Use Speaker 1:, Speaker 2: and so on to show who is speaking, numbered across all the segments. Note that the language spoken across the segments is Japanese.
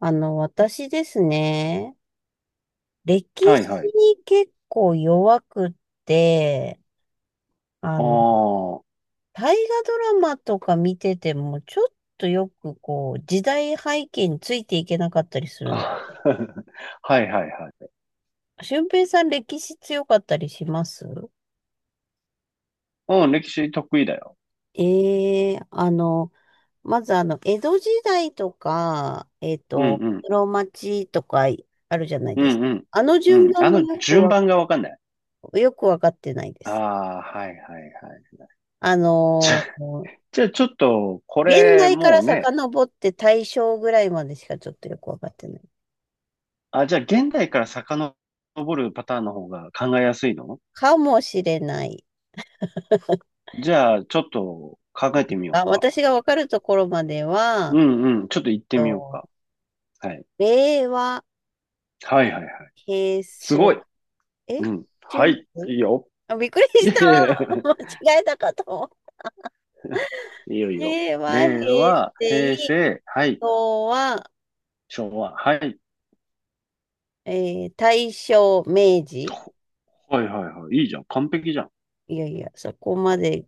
Speaker 1: 私ですね、歴
Speaker 2: はいは
Speaker 1: 史
Speaker 2: い。
Speaker 1: に結構弱くって、あ
Speaker 2: あ
Speaker 1: の、
Speaker 2: ー
Speaker 1: 大河ドラマとか見てても、ちょっとよくこう、時代背景についていけなかったりする。
Speaker 2: あ。はいはいはい。
Speaker 1: 俊平さん、歴史強かったりします？
Speaker 2: うん、歴史得意だよ。
Speaker 1: ええ、まず江戸時代とか、
Speaker 2: うんうん。
Speaker 1: 室町とかあるじゃない
Speaker 2: う
Speaker 1: です
Speaker 2: んう
Speaker 1: か。
Speaker 2: ん。
Speaker 1: あの
Speaker 2: う
Speaker 1: 順
Speaker 2: ん。
Speaker 1: 番
Speaker 2: あ
Speaker 1: も
Speaker 2: の、順番がわかんない。
Speaker 1: よくわかってないで
Speaker 2: あ
Speaker 1: す。
Speaker 2: あ、はいはいはい。
Speaker 1: あ
Speaker 2: じゃ、
Speaker 1: の、
Speaker 2: じゃあちょっと、こ
Speaker 1: 現
Speaker 2: れ、
Speaker 1: 代か
Speaker 2: も
Speaker 1: ら
Speaker 2: うね。
Speaker 1: 遡って大正ぐらいまでしかちょっとよくわかってない。
Speaker 2: あ、じゃあ現代から遡るパターンの方が考えやすいの？
Speaker 1: かもしれない
Speaker 2: じゃあ、ちょっと考えてみよ
Speaker 1: が。あ、
Speaker 2: うか。
Speaker 1: 私がわかるところまで
Speaker 2: う
Speaker 1: は、
Speaker 2: んうん。ちょっと行ってみよう
Speaker 1: と
Speaker 2: か。はい。
Speaker 1: 令和、
Speaker 2: はいはいはい。
Speaker 1: 平
Speaker 2: す
Speaker 1: 成、
Speaker 2: ごい。
Speaker 1: え、
Speaker 2: うん。
Speaker 1: 違
Speaker 2: は
Speaker 1: い
Speaker 2: い。
Speaker 1: ま
Speaker 2: い
Speaker 1: す。
Speaker 2: いよ。
Speaker 1: あ、びっくり
Speaker 2: い
Speaker 1: し
Speaker 2: えい
Speaker 1: た。
Speaker 2: え。
Speaker 1: 間違えたかと思
Speaker 2: いいよいい
Speaker 1: う。
Speaker 2: よ。
Speaker 1: 令和、平
Speaker 2: 令和、
Speaker 1: 成、
Speaker 2: 平成、はい、
Speaker 1: 昭和、
Speaker 2: 昭和、はい。
Speaker 1: え大正、明治。
Speaker 2: ほはいはいはい。いいじゃん。完璧じゃん。
Speaker 1: いやいや、そこまで、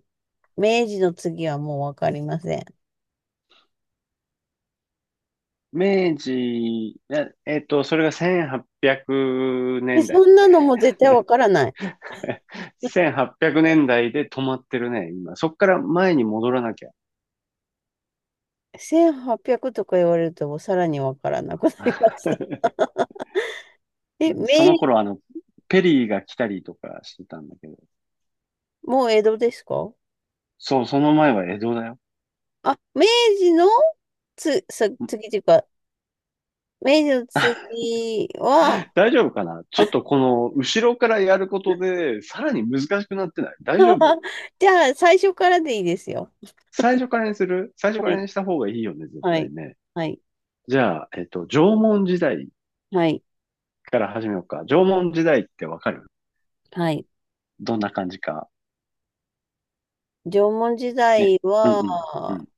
Speaker 1: 明治の次はもうわかりません。
Speaker 2: 明治、それが1800年
Speaker 1: え、そ
Speaker 2: 代
Speaker 1: んな
Speaker 2: ねんだい
Speaker 1: の
Speaker 2: ね。
Speaker 1: も絶対わからない。
Speaker 2: 1800年代で止まってるね、今。そっから前に戻らなきゃ。
Speaker 1: 1800とか言われるともうさらにわからなくなりま した。え、明、
Speaker 2: その頃、あの、ペリーが来たりとかしてたんだけど。
Speaker 1: もう江戸ですか？
Speaker 2: そう、その前は江戸だよ。
Speaker 1: あ、明治の次というか、明治の次は、
Speaker 2: 大丈夫かな、ちょっとこの、後ろからやることで、さらに難しくなってない？大丈夫？
Speaker 1: じゃあ最初からでいいですよ。
Speaker 2: 最初か
Speaker 1: は
Speaker 2: ら
Speaker 1: い、
Speaker 2: にした方がいいよね、絶
Speaker 1: は
Speaker 2: 対
Speaker 1: い、
Speaker 2: ね。
Speaker 1: はい、
Speaker 2: じゃあ、縄文時代
Speaker 1: はい、
Speaker 2: から始めようか。縄文時代ってわかる？
Speaker 1: はい。
Speaker 2: どんな感じか。
Speaker 1: 縄文時
Speaker 2: ね。
Speaker 1: 代
Speaker 2: うん
Speaker 1: は、
Speaker 2: うん。うん。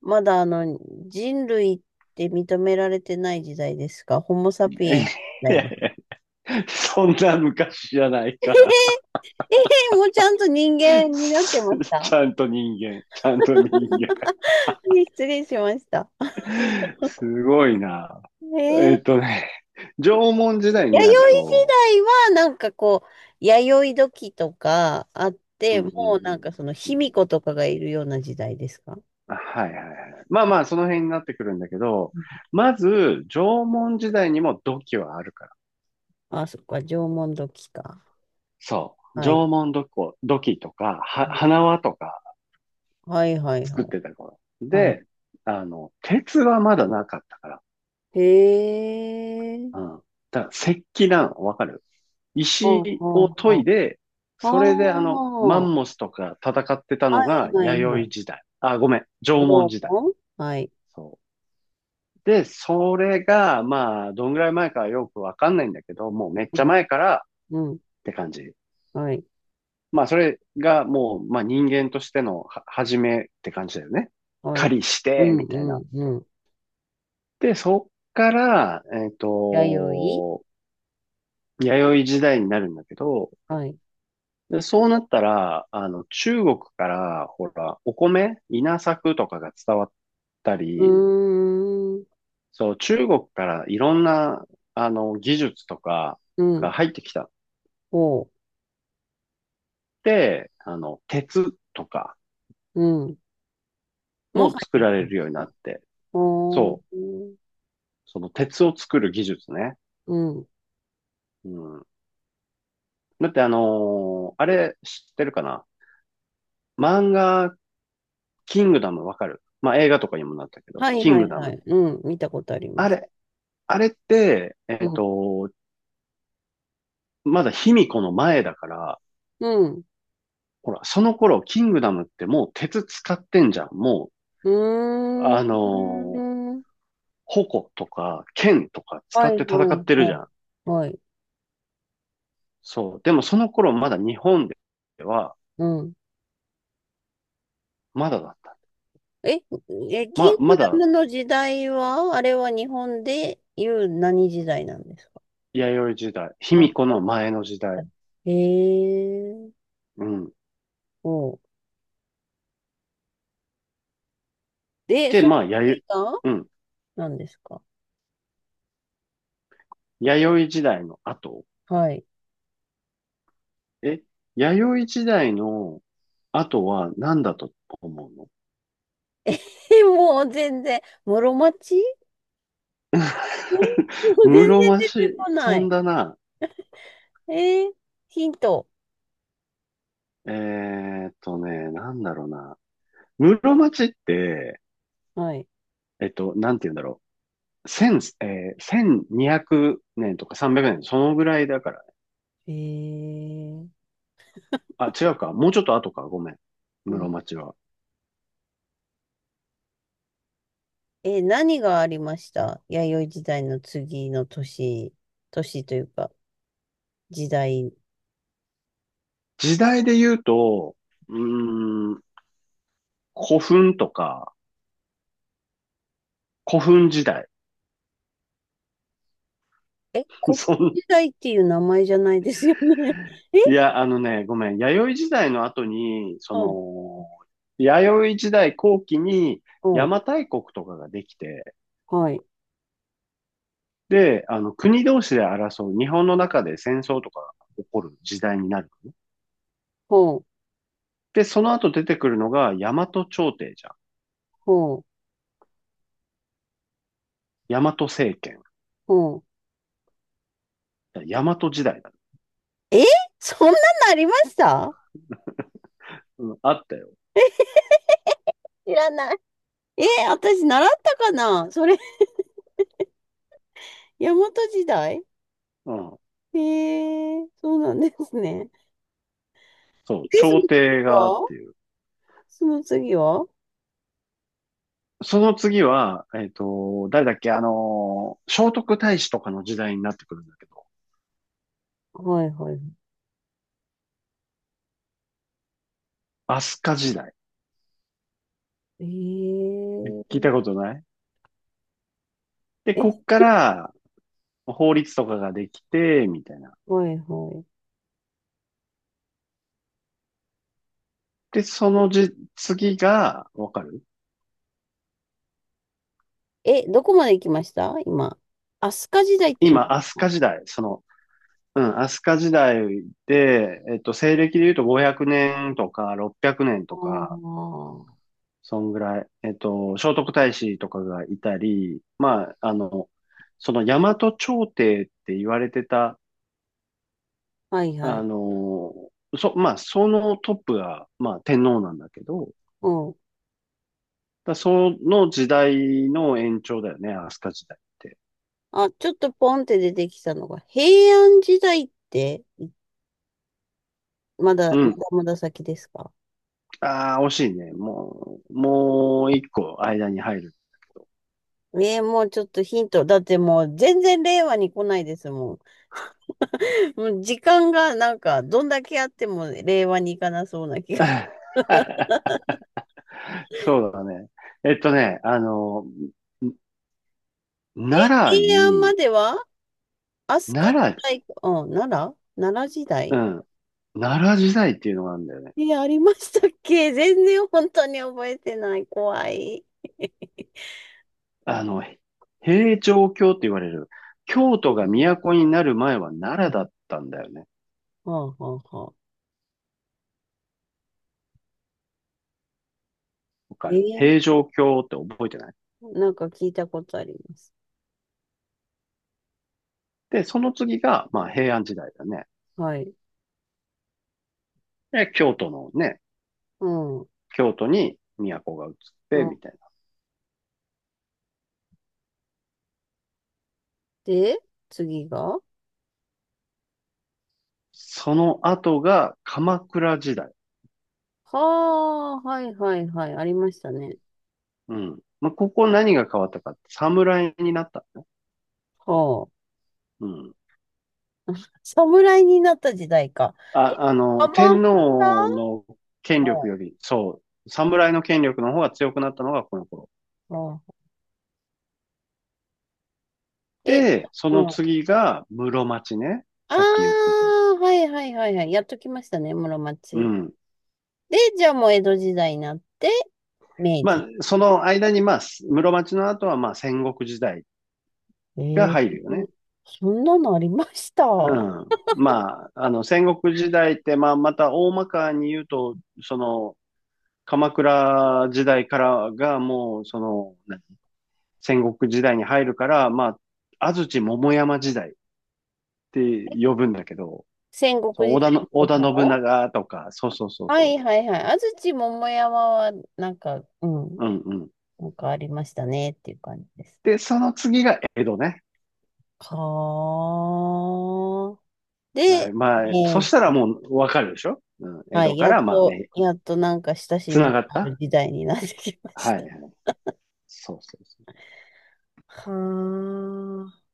Speaker 1: まだ人類って認められてない時代ですか？ホモ サ
Speaker 2: い
Speaker 1: ピエンスみたい
Speaker 2: や
Speaker 1: な。
Speaker 2: いや、 そんな昔じゃない
Speaker 1: えへへ
Speaker 2: から。
Speaker 1: えへへもうちゃんと人 間になって
Speaker 2: す
Speaker 1: ました？
Speaker 2: ちゃんと人間。ちゃんと人間。
Speaker 1: 失礼しました。
Speaker 2: すごいな。
Speaker 1: え
Speaker 2: え
Speaker 1: ー、
Speaker 2: っとね、縄文時代
Speaker 1: 弥
Speaker 2: に
Speaker 1: 生
Speaker 2: なる
Speaker 1: 時
Speaker 2: と、
Speaker 1: 代はなんかこう、弥生時とかあっ
Speaker 2: う
Speaker 1: て、
Speaker 2: ん
Speaker 1: も
Speaker 2: う
Speaker 1: うなん
Speaker 2: ん
Speaker 1: かその
Speaker 2: う
Speaker 1: 卑
Speaker 2: ん。
Speaker 1: 弥呼とかがいるような時代ですか？
Speaker 2: はいはいはい。まあまあ、その辺になってくるんだけど、
Speaker 1: うん、
Speaker 2: まず、縄文時代にも土器はあるから。
Speaker 1: あ、そっか、縄文時か。
Speaker 2: そう。
Speaker 1: はい。
Speaker 2: 縄文土器、土器とか、は、
Speaker 1: うん、
Speaker 2: 花輪とか
Speaker 1: はいはい
Speaker 2: 作
Speaker 1: は
Speaker 2: っ
Speaker 1: い。
Speaker 2: てた頃。
Speaker 1: はい。
Speaker 2: で、あの、鉄はまだなかったから。
Speaker 1: へえ。
Speaker 2: うん。だから石器なの、わかる？
Speaker 1: ほう
Speaker 2: 石
Speaker 1: ほ
Speaker 2: を
Speaker 1: うほ
Speaker 2: 研い
Speaker 1: う。
Speaker 2: で、それであ
Speaker 1: あ
Speaker 2: の、マ
Speaker 1: あ。
Speaker 2: ンモスとか戦ってた
Speaker 1: は
Speaker 2: の
Speaker 1: い
Speaker 2: が
Speaker 1: はいは
Speaker 2: 弥生
Speaker 1: い。
Speaker 2: 時代。あ、ごめん、縄文
Speaker 1: 縄
Speaker 2: 時代。
Speaker 1: 文、はい。
Speaker 2: そう。で、それが、まあ、どんぐらい前かよくわかんないんだけど、もうめっち
Speaker 1: う
Speaker 2: ゃ
Speaker 1: ん。
Speaker 2: 前からっ
Speaker 1: うん。
Speaker 2: て感じ。
Speaker 1: はい。
Speaker 2: まあ、それがもう、まあ、人間としてのは始めって感じだよね。
Speaker 1: はい。
Speaker 2: 狩りし
Speaker 1: う
Speaker 2: て、
Speaker 1: ん
Speaker 2: みたい
Speaker 1: う
Speaker 2: な。
Speaker 1: んうん。
Speaker 2: で、そっから、
Speaker 1: 弥
Speaker 2: 弥生時代になるんだけど、
Speaker 1: 生、はい。
Speaker 2: で、そうなったら、あの、中国から、ほら、お米、稲作とかが伝わった
Speaker 1: う
Speaker 2: り、
Speaker 1: ーん。
Speaker 2: そう、中国からいろんな、あの、技術とか
Speaker 1: うん。
Speaker 2: が入ってきた
Speaker 1: おう。
Speaker 2: って、あの、鉄とか
Speaker 1: うん。もう
Speaker 2: も
Speaker 1: 入っ
Speaker 2: 作
Speaker 1: てき
Speaker 2: ら
Speaker 1: た
Speaker 2: れ
Speaker 1: ん
Speaker 2: る
Speaker 1: で
Speaker 2: よう
Speaker 1: す
Speaker 2: に
Speaker 1: か？
Speaker 2: なって、
Speaker 1: おー。
Speaker 2: そう、その鉄を作る技術ね。
Speaker 1: うん。
Speaker 2: うん。だってあれ知ってるかな？漫画、キングダムわかる？まあ映画とかにもなったけど、
Speaker 1: はい
Speaker 2: キン
Speaker 1: は
Speaker 2: グ
Speaker 1: い
Speaker 2: ダ
Speaker 1: は
Speaker 2: ム。
Speaker 1: い。うん。見たことありま
Speaker 2: あ
Speaker 1: す。
Speaker 2: れ、あれって、
Speaker 1: うん。
Speaker 2: まだ卑弥呼の前だから、
Speaker 1: うん。
Speaker 2: ほら、その頃、キングダムってもう鉄使ってんじゃん。も
Speaker 1: う
Speaker 2: う、
Speaker 1: ーん。
Speaker 2: 矛とか剣とか使
Speaker 1: は
Speaker 2: って
Speaker 1: い
Speaker 2: 戦
Speaker 1: は
Speaker 2: っ
Speaker 1: い
Speaker 2: てるじ
Speaker 1: は
Speaker 2: ゃん。
Speaker 1: い。はい。
Speaker 2: そう。でもその頃まだ日本では、
Speaker 1: うん。
Speaker 2: まだだった。
Speaker 1: え、え、キン
Speaker 2: ま、
Speaker 1: グ
Speaker 2: ま
Speaker 1: ダ
Speaker 2: だ、
Speaker 1: ムの時代は、あれは日本でいう何時代なんですか？
Speaker 2: 弥生時代、卑弥呼
Speaker 1: は
Speaker 2: の前の時代。
Speaker 1: い。へえ。
Speaker 2: うん。
Speaker 1: おう。で、
Speaker 2: で、
Speaker 1: その
Speaker 2: まあ、
Speaker 1: 次
Speaker 2: 弥
Speaker 1: が
Speaker 2: 生、うん。
Speaker 1: 何ですか？
Speaker 2: 弥生時代の後。
Speaker 1: はい。
Speaker 2: え、弥生時代の後は何だと思うの？
Speaker 1: え、もう全然、室町、も う全然
Speaker 2: 室
Speaker 1: 出
Speaker 2: 町
Speaker 1: てこな
Speaker 2: 飛ん
Speaker 1: い。
Speaker 2: だな。
Speaker 1: えーヒント。
Speaker 2: えなんだろうな。室町って、
Speaker 1: はい。
Speaker 2: なんて言うんだろう。千、えー、1200年とか300年、そのぐらいだから、
Speaker 1: えー、
Speaker 2: あ、違うか。もうちょっと後か。ごめん。
Speaker 1: う
Speaker 2: 室
Speaker 1: ん。
Speaker 2: 町は。
Speaker 1: 何がありました？弥生時代の次の年、年というか、時代。
Speaker 2: 時代で言うと、うーん、古墳とか、古墳時代。
Speaker 1: え、古墳
Speaker 2: そん、
Speaker 1: 時代っていう名前じゃないですよね。
Speaker 2: い
Speaker 1: え。
Speaker 2: や、あのね、ごめん。弥生時代の後に、そ
Speaker 1: うん、
Speaker 2: の、弥生時代後期に
Speaker 1: う
Speaker 2: 邪
Speaker 1: ん、
Speaker 2: 馬台国とかができて、
Speaker 1: はい、
Speaker 2: で、あの、国同士で争う、日本の中で戦争とかが起こる時代になるのね。
Speaker 1: ほう、
Speaker 2: で、その後出てくるのが大和朝廷じゃん。
Speaker 1: ほう、
Speaker 2: 大和政権。
Speaker 1: ほう。
Speaker 2: 大和時代だね。
Speaker 1: え、そんなのありました？
Speaker 2: うん、あったよ。
Speaker 1: 知らない。え、私習ったかなそれ、大和時代？
Speaker 2: うん。
Speaker 1: へえ、そうなんですね。
Speaker 2: そう、
Speaker 1: で、
Speaker 2: 朝廷がっ
Speaker 1: は
Speaker 2: ていう。
Speaker 1: その次は
Speaker 2: その次は、誰だっけ、聖徳太子とかの時代になってくるんだけど、
Speaker 1: はいはい。
Speaker 2: 飛鳥時代。
Speaker 1: え、
Speaker 2: ね、聞いたことない？で、
Speaker 1: え、え、
Speaker 2: こっから法律とかができて、みたいな。
Speaker 1: はいは
Speaker 2: で、その次が、わかる？
Speaker 1: い。え、どこまで行きました今？飛鳥時代って言い
Speaker 2: 今、
Speaker 1: ます
Speaker 2: 飛鳥
Speaker 1: か？
Speaker 2: 時代、その、うん、飛鳥時代で、西暦で言うと500年とか600年
Speaker 1: あ
Speaker 2: とか、
Speaker 1: あ、
Speaker 2: そんぐらい。聖徳太子とかがいたり、まあ、あの、その大和朝廷って言われてた、
Speaker 1: はいは
Speaker 2: あ
Speaker 1: い。
Speaker 2: の、まあ、そのトップが、まあ、天皇なんだけど、
Speaker 1: うん。
Speaker 2: だその時代の延長だよね、飛鳥時代って。
Speaker 1: あ、ちょっとポンって出てきたのが、平安時代って、まだ
Speaker 2: うん。
Speaker 1: まだ先ですか？
Speaker 2: ああ、惜しいね。もう、もう一個間に入るんだけど。
Speaker 1: もうちょっとヒント。だってもう全然令和に来ないですもん。もう時間がなんか、どんだけあっても令和に行かなそうな気が。
Speaker 2: そうだね。えっとね、あの、ん奈良
Speaker 1: 平安
Speaker 2: に、
Speaker 1: までは飛鳥
Speaker 2: 奈
Speaker 1: 時
Speaker 2: 良、
Speaker 1: 代か、うん、奈良時
Speaker 2: う
Speaker 1: 代。
Speaker 2: ん。奈良時代っていうのがあるんだよね。
Speaker 1: え、ありましたっけ？全然本当に覚えてない。怖い。
Speaker 2: あの、平城京って言われる、京
Speaker 1: う
Speaker 2: 都が
Speaker 1: ん、
Speaker 2: 都になる前は奈良だったんだよね。
Speaker 1: はあはあはあ。
Speaker 2: わか
Speaker 1: え
Speaker 2: る？
Speaker 1: え、
Speaker 2: 平城京って覚えてない？
Speaker 1: なんか聞いたことあります。
Speaker 2: で、その次が、まあ、平安時代だね。
Speaker 1: はい。
Speaker 2: で、京都のね、
Speaker 1: うん。う
Speaker 2: 京都に都が移って、
Speaker 1: ん。
Speaker 2: みたいな。
Speaker 1: で、次が。
Speaker 2: その後が鎌倉時代。
Speaker 1: はあ、はいはいはい。ありましたね。
Speaker 2: うん。まあ、ここ何が変わったかって、侍になったのね。
Speaker 1: はあ。
Speaker 2: うん。
Speaker 1: 侍になった時代か。え、
Speaker 2: あ、あの、
Speaker 1: 鎌
Speaker 2: 天
Speaker 1: 倉、
Speaker 2: 皇の権力より、そう、侍の権力の方が強くなったのがこの頃。
Speaker 1: あ、え、
Speaker 2: で、そ
Speaker 1: う
Speaker 2: の
Speaker 1: ん。あ
Speaker 2: 次が室町ね。さっき言っ
Speaker 1: あ、
Speaker 2: てた。
Speaker 1: はいはいはいはい。やっときましたね、室
Speaker 2: う
Speaker 1: 町。
Speaker 2: ん。
Speaker 1: で、じゃあもう江戸時代になって、明
Speaker 2: ま
Speaker 1: 治。
Speaker 2: あ、その間に、まあ、室町の後は、まあ、戦国時代
Speaker 1: え
Speaker 2: が入る
Speaker 1: ー
Speaker 2: よね。
Speaker 1: そんなのありました？
Speaker 2: うん。まあ、あの、戦国時代って、まあ、また大まかに言うと、その、鎌倉時代からがもう、その、戦国時代に入るから、まあ、安土桃山時代って呼ぶんだけど、
Speaker 1: 戦国時代
Speaker 2: 織
Speaker 1: のこ
Speaker 2: 田
Speaker 1: と
Speaker 2: 信
Speaker 1: を？
Speaker 2: 長とか、そうそうそう
Speaker 1: はい
Speaker 2: そ
Speaker 1: はいはい。安土桃山は、なんか、うん、
Speaker 2: う。うんうん。
Speaker 1: なんかありましたねっていう感じです。
Speaker 2: で、その次が江戸ね。
Speaker 1: はあ。で、
Speaker 2: はい。まあ、そした
Speaker 1: ー
Speaker 2: らもうわかるでしょ？うん。江
Speaker 1: は
Speaker 2: 戸
Speaker 1: い、
Speaker 2: か
Speaker 1: やっ
Speaker 2: ら、まあ、
Speaker 1: と、やっとなんか親し
Speaker 2: つ
Speaker 1: み
Speaker 2: な
Speaker 1: の
Speaker 2: がっ
Speaker 1: ある
Speaker 2: た？
Speaker 1: 時代になってきま
Speaker 2: は
Speaker 1: し
Speaker 2: い
Speaker 1: た。
Speaker 2: はい。そうそうそ
Speaker 1: はあ。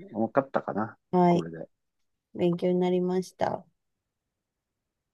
Speaker 2: う。わかったかな、
Speaker 1: は
Speaker 2: こ
Speaker 1: い。
Speaker 2: れで。
Speaker 1: 勉強になりました。